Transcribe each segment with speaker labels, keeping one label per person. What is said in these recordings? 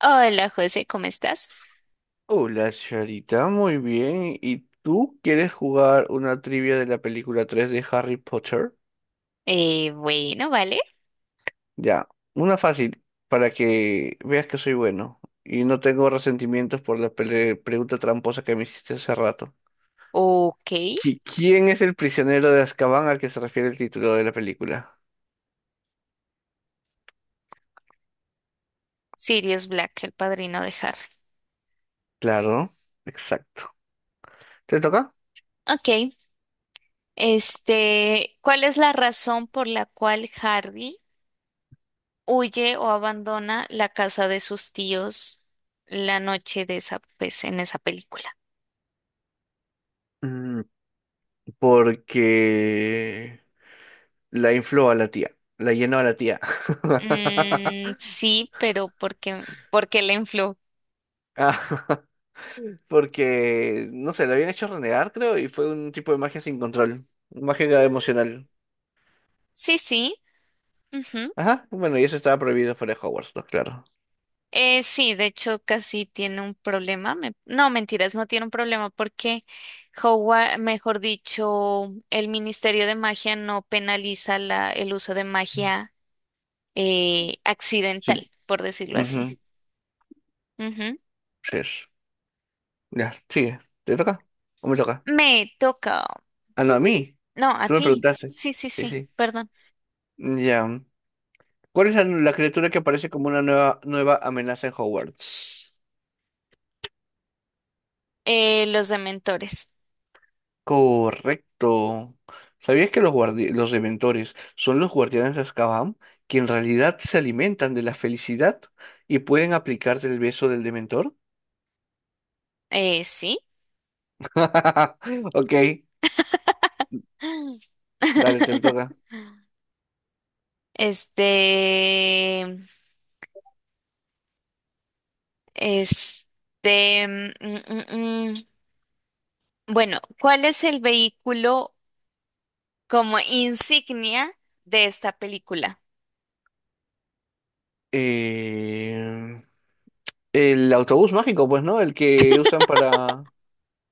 Speaker 1: Hola José, ¿cómo estás?
Speaker 2: Hola, Charita, muy bien. ¿Y tú quieres jugar una trivia de la película 3 de Harry Potter?
Speaker 1: Bueno, vale.
Speaker 2: Ya, una fácil, para que veas que soy bueno y no tengo resentimientos por la pregunta tramposa que me hiciste hace rato.
Speaker 1: Ok.
Speaker 2: ¿Quién es el prisionero de Azkaban al que se refiere el título de la película?
Speaker 1: Sirius Black, el padrino de Harry.
Speaker 2: Claro, exacto. ¿Te toca?
Speaker 1: Ok. ¿Cuál es la razón por la cual Harry huye o abandona la casa de sus tíos la noche de esa, pues, en esa película?
Speaker 2: Mm, Porque la infló a la tía, la llenó a la tía.
Speaker 1: Sí, pero porque le infló.
Speaker 2: Porque, no sé, lo habían hecho renegar, creo, y fue un tipo de magia sin control, magia emocional.
Speaker 1: Sí, sí.
Speaker 2: Ajá, bueno, y eso estaba prohibido fuera de Hogwarts, pues, claro.
Speaker 1: Sí, de hecho casi tiene un problema. No, mentiras, no tiene un problema porque Howard, mejor dicho, el Ministerio de Magia no penaliza el uso de magia
Speaker 2: Sí,
Speaker 1: accidental, por decirlo así.
Speaker 2: ujú,
Speaker 1: Ujú.
Speaker 2: sí es. Ya, sigue. ¿Te toca? ¿O me toca?
Speaker 1: Me toca.
Speaker 2: Ah, no, a mí.
Speaker 1: No, a
Speaker 2: Tú me
Speaker 1: ti.
Speaker 2: preguntaste.
Speaker 1: Sí, sí,
Speaker 2: Sí,
Speaker 1: sí,
Speaker 2: sí.
Speaker 1: perdón.
Speaker 2: Ya. ¿Cuál es la criatura que aparece como una nueva amenaza en Hogwarts?
Speaker 1: Los dementores.
Speaker 2: Correcto. ¿Sabías que los los Dementores son los guardianes de Azkaban, que en realidad se alimentan de la felicidad y pueden aplicarte el beso del Dementor?
Speaker 1: Sí.
Speaker 2: Ok, dale, te toca.
Speaker 1: Este, este, mm, mm, mm. Bueno, ¿cuál es el vehículo como insignia de esta película?
Speaker 2: Eh, el autobús mágico, pues, ¿no? El que usan para...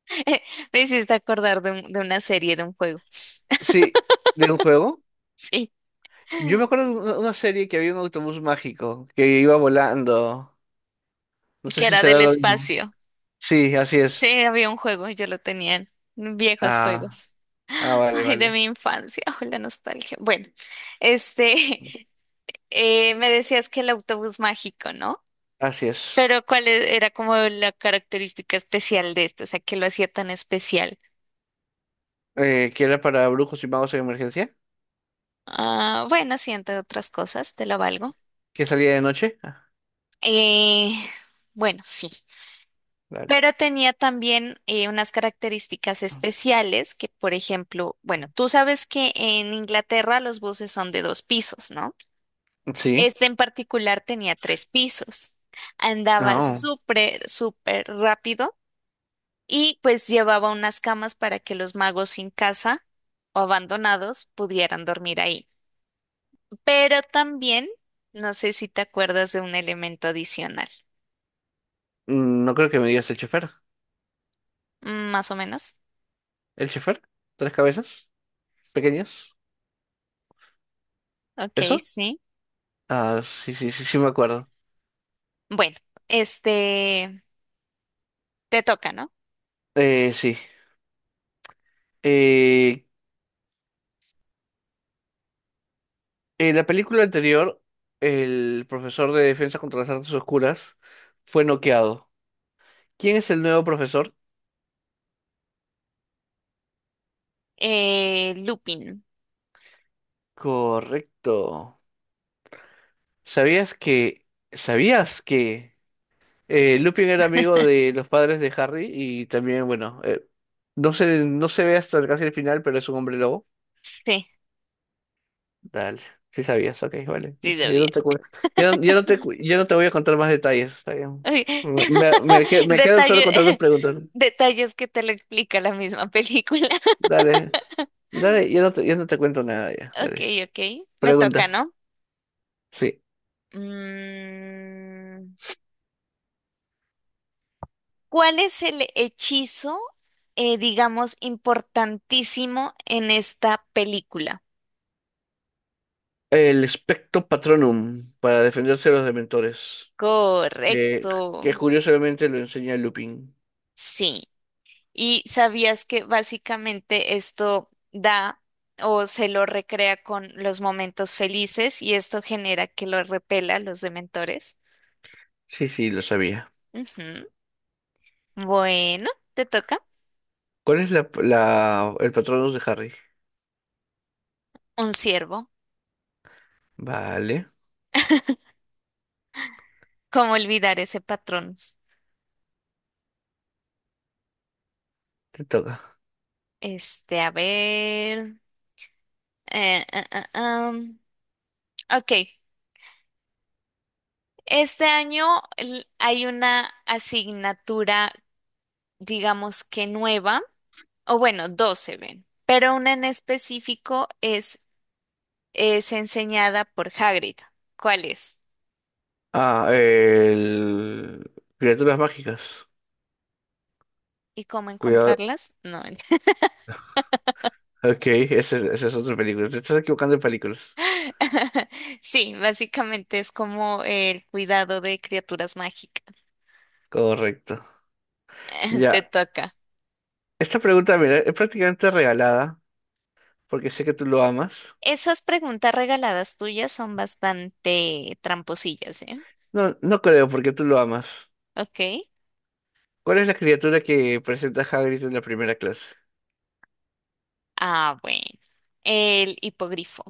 Speaker 1: Me hiciste acordar de una serie, de un juego.
Speaker 2: Sí, de un juego.
Speaker 1: Sí,
Speaker 2: Yo me acuerdo de una serie que había un autobús mágico que iba volando. No sé
Speaker 1: que
Speaker 2: si
Speaker 1: era del
Speaker 2: será lo mismo.
Speaker 1: espacio.
Speaker 2: Sí, así es.
Speaker 1: Sí, había un juego, yo lo tenía en viejos
Speaker 2: Ah,
Speaker 1: juegos.
Speaker 2: ah, vale,
Speaker 1: Ay, de
Speaker 2: vale.
Speaker 1: mi infancia, oh, la nostalgia. Bueno, este, me decías que el autobús mágico, ¿no?
Speaker 2: Así es.
Speaker 1: Pero ¿cuál era como la característica especial de esto? O sea, ¿qué lo hacía tan especial?
Speaker 2: ¿Que era para brujos y magos en emergencia?
Speaker 1: Ah, bueno, sí, entre otras cosas, te lo valgo.
Speaker 2: ¿Que salía de noche? Ah,
Speaker 1: Eh, bueno, sí.
Speaker 2: vale.
Speaker 1: Pero tenía también unas características especiales que, por ejemplo, bueno, tú sabes que en Inglaterra los buses son de dos pisos, ¿no?
Speaker 2: Sí.
Speaker 1: Este en particular tenía tres pisos. Andaba
Speaker 2: Ah, oh.
Speaker 1: súper, súper rápido y pues llevaba unas camas para que los magos sin casa o abandonados pudieran dormir ahí. Pero también, no sé si te acuerdas de un elemento adicional.
Speaker 2: No creo que me digas el chofer.
Speaker 1: Más o menos.
Speaker 2: ¿El chofer? ¿Tres cabezas? ¿Pequeñas?
Speaker 1: Ok,
Speaker 2: ¿Eso?
Speaker 1: sí.
Speaker 2: Ah, sí, sí, sí, sí me acuerdo.
Speaker 1: Bueno, este, te toca, ¿no?
Speaker 2: Sí. Eh, en la película anterior, el profesor de defensa contra las artes oscuras fue noqueado. ¿Quién es el nuevo profesor?
Speaker 1: Lupin.
Speaker 2: Correcto. ¿Sabías que... ¿Sabías que... Lupin era amigo de los padres de Harry y también, bueno, no se, no se ve hasta casi el final, pero es un hombre lobo.
Speaker 1: Sí,
Speaker 2: Dale, sí sabías, ok, vale,
Speaker 1: sí,
Speaker 2: listo.
Speaker 1: lo
Speaker 2: Ya
Speaker 1: bien.
Speaker 2: no te, ya, ya no te, ya no te voy a contar más detalles, está bien.
Speaker 1: Uy,
Speaker 2: Me me quedo solo con tantas
Speaker 1: detalle,
Speaker 2: preguntas.
Speaker 1: detalles que te lo explica la misma película.
Speaker 2: Dale, dale, ya no te cuento nada, ya,
Speaker 1: Ok,
Speaker 2: dale.
Speaker 1: ok. Me toca,
Speaker 2: Pregunta,
Speaker 1: ¿no?
Speaker 2: sí.
Speaker 1: Mm, ¿Cuál es el hechizo, digamos, importantísimo en esta película?
Speaker 2: El Spectro Patronum para defenderse de los dementores, que,
Speaker 1: Correcto.
Speaker 2: que curiosamente lo enseña Lupin.
Speaker 1: Sí. Y sabías que básicamente esto da o se lo recrea con los momentos felices y esto genera que lo repela a los dementores.
Speaker 2: Sí, sí, lo sabía.
Speaker 1: Ujú. Bueno, te toca
Speaker 2: ¿Cuál es el Patronus de Harry?
Speaker 1: un ciervo.
Speaker 2: Vale,
Speaker 1: ¿Cómo olvidar ese patrón?
Speaker 2: te toca.
Speaker 1: A ver. eh, ah, ah, ah. Ok. Este año hay una asignatura, digamos que nueva, o bueno, dos se ven, pero una en específico es enseñada por Hagrid. ¿Cuáles?
Speaker 2: Ah, el... Criaturas mágicas.
Speaker 1: ¿Y cómo
Speaker 2: Cuidado.
Speaker 1: encontrarlas? No. ent-
Speaker 2: Ok, esa es otra película. Te estás equivocando de películas.
Speaker 1: Sí, básicamente es como el cuidado de criaturas mágicas.
Speaker 2: Correcto.
Speaker 1: Te
Speaker 2: Ya.
Speaker 1: toca.
Speaker 2: Esta pregunta, mira, es prácticamente regalada, porque sé que tú lo amas.
Speaker 1: Esas preguntas regaladas tuyas son bastante tramposillas, ¿eh?
Speaker 2: No, no creo, porque tú lo amas.
Speaker 1: Ok.
Speaker 2: ¿Cuál es la criatura que presenta Hagrid en la primera clase?
Speaker 1: Ah, bueno. El hipogrifo.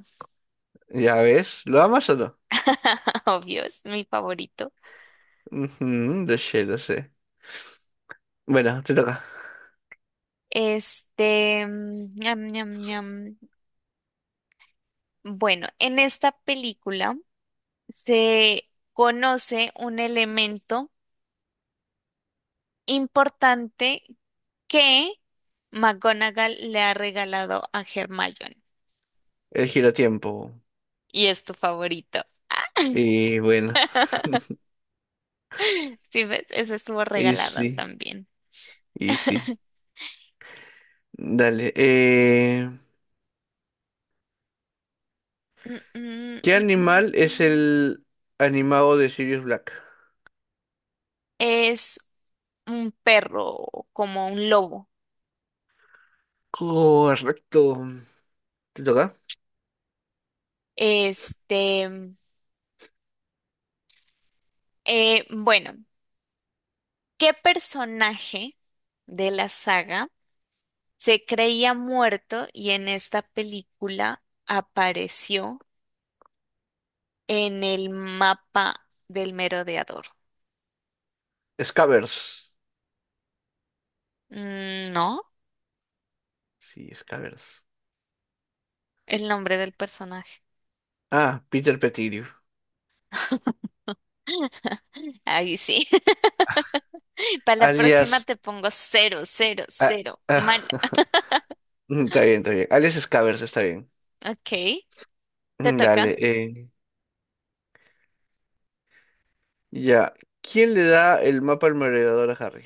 Speaker 2: Ya ves, ¿lo amas o no?
Speaker 1: Obvio, es mi favorito.
Speaker 2: Ujú, lo sé, lo sé. Bueno, te toca.
Speaker 1: Ñam, ñam, ñam. Bueno, en esta película se conoce un elemento importante que McGonagall le ha regalado a Hermione.
Speaker 2: El giratiempo.
Speaker 1: Y es tu favorito.
Speaker 2: Y bueno.
Speaker 1: Sí, ves, eso estuvo regalado
Speaker 2: Easy,
Speaker 1: también.
Speaker 2: easy. Dale.
Speaker 1: Mm, mm,
Speaker 2: ¿Qué
Speaker 1: mm, mm,
Speaker 2: animal es
Speaker 1: mm.
Speaker 2: el animado de Sirius Black?
Speaker 1: Es un perro, como un lobo.
Speaker 2: Correcto. ¿Te toca?
Speaker 1: Este, bueno, ¿qué personaje de la saga se creía muerto y en esta película apareció en el mapa del merodeador?
Speaker 2: Scabbers.
Speaker 1: No,
Speaker 2: Sí, Scabbers.
Speaker 1: el nombre del personaje.
Speaker 2: Ah, Peter Pettigrew.
Speaker 1: Ahí sí. Para la próxima
Speaker 2: Alias.
Speaker 1: te pongo cero, cero,
Speaker 2: Ah,
Speaker 1: cero.
Speaker 2: ah,
Speaker 1: Mal.
Speaker 2: está bien, está bien. Alias Scabbers, está bien.
Speaker 1: Ok, te
Speaker 2: Dale.
Speaker 1: toca.
Speaker 2: Ya. ¿Quién le da el mapa al merodeador a Harry?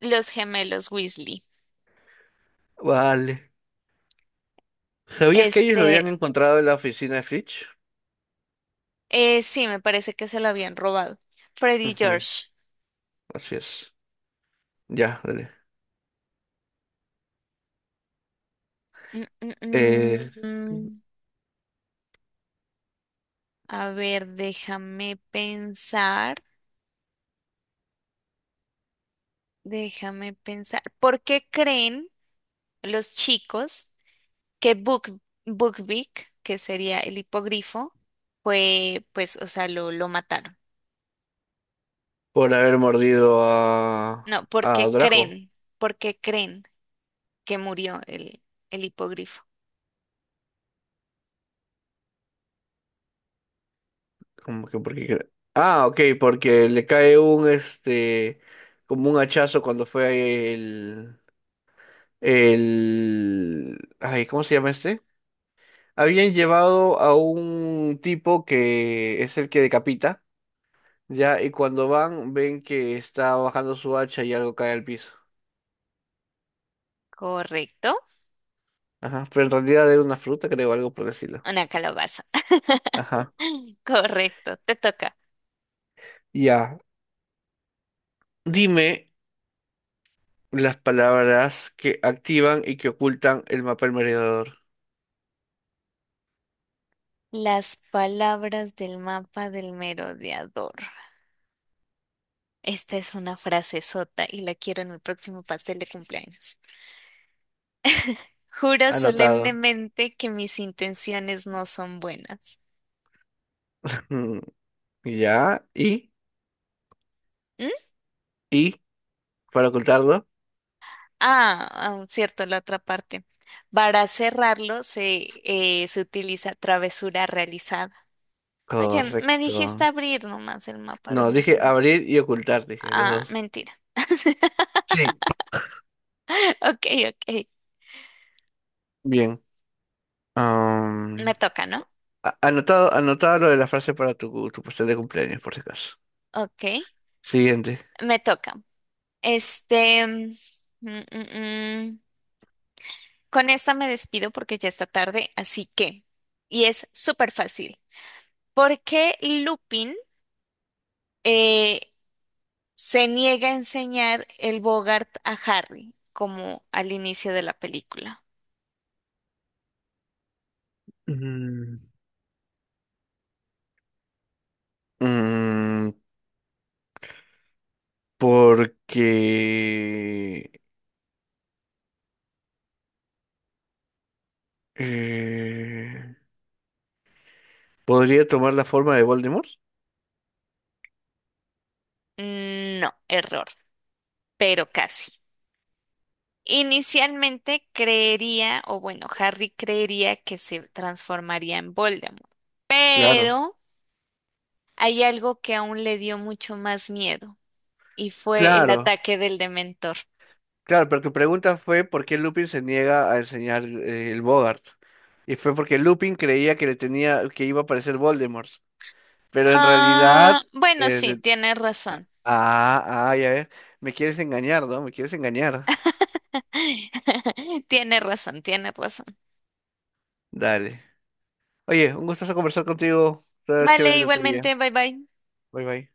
Speaker 1: Los gemelos Weasley.
Speaker 2: Vale. ¿Sabías que ellos lo habían
Speaker 1: Este,
Speaker 2: encontrado en la oficina de Fitch?
Speaker 1: sí, me parece que se lo habían robado. Freddy y
Speaker 2: Ujú,
Speaker 1: George.
Speaker 2: así es. Ya, dale.
Speaker 1: Mm, mm,
Speaker 2: Eh,
Speaker 1: mm, mm. A ver, déjame pensar. Déjame pensar. ¿Por qué creen los chicos que Bukvik, que sería el hipogrifo, fue, pues, o sea, lo mataron?
Speaker 2: por haber mordido
Speaker 1: No, ¿por
Speaker 2: a
Speaker 1: qué
Speaker 2: Draco.
Speaker 1: creen? ¿Por qué creen que murió el hipogrifo?
Speaker 2: Como que porque... ah, ok, porque le cae un, este, como un hachazo cuando fue el, ay, ¿cómo se llama este? Habían llevado a un tipo que es el que decapita, ya, y cuando van, ven que está bajando su hacha y algo cae al piso.
Speaker 1: Correcto.
Speaker 2: Ajá, pero en realidad era una fruta, creo, algo por decirlo.
Speaker 1: Una calabaza.
Speaker 2: Ajá,
Speaker 1: Correcto, te toca.
Speaker 2: ya. Dime, las palabras que activan y que ocultan el mapa del merodeador.
Speaker 1: Las palabras del mapa del merodeador. Esta es una frase sota y la quiero en el próximo pastel de cumpleaños. Juro
Speaker 2: Anotado.
Speaker 1: solemnemente que mis intenciones no son buenas.
Speaker 2: Mm, Ya,
Speaker 1: ¿Mm?
Speaker 2: y, para ocultarlo.
Speaker 1: Ah, ah, cierto, la otra parte. Para cerrarlo se utiliza travesura realizada. Oye, me
Speaker 2: Correcto.
Speaker 1: dijiste abrir nomás el mapa
Speaker 2: No,
Speaker 1: del mar.
Speaker 2: dije abrir y ocultar, dije, los
Speaker 1: Ah,
Speaker 2: dos.
Speaker 1: mentira.
Speaker 2: Sí.
Speaker 1: Ok, ok.
Speaker 2: Bien.
Speaker 1: Me
Speaker 2: Am,
Speaker 1: toca, ¿no?
Speaker 2: anotado, anotado lo de la frase para tu, tu pastel de cumpleaños, por si acaso.
Speaker 1: Ok,
Speaker 2: Siguiente.
Speaker 1: me toca. Este, mm, mm, mm. Con esta me despido porque ya está tarde, así que, y es súper fácil. ¿Por qué Lupin eh, se niega a enseñar el Bogart a Harry, como al inicio de la película?
Speaker 2: Mm, Mm, porque eh, podría tomar la forma de Voldemort.
Speaker 1: No, error, pero casi. Inicialmente creería, o bueno, Harry creería que se transformaría en Voldemort,
Speaker 2: Claro,
Speaker 1: pero hay algo que aún le dio mucho más miedo, y fue el
Speaker 2: claro.
Speaker 1: ataque del Dementor.
Speaker 2: Claro, pero tu pregunta fue por qué Lupin se niega a enseñar el Bogart. Y fue porque Lupin creía que le tenía, que iba a aparecer Voldemort. Pero en realidad,
Speaker 1: Ah, bueno,
Speaker 2: eh,
Speaker 1: sí,
Speaker 2: le-
Speaker 1: tiene razón.
Speaker 2: ah, ah, ya ves, me quieres engañar, ¿no? Me quieres engañar.
Speaker 1: Tiene razón, tiene razón.
Speaker 2: Dale. Oye, un gustazo conversar contigo. Está chévere
Speaker 1: Vale,
Speaker 2: la trivia.
Speaker 1: igualmente, bye bye.
Speaker 2: Bye bye.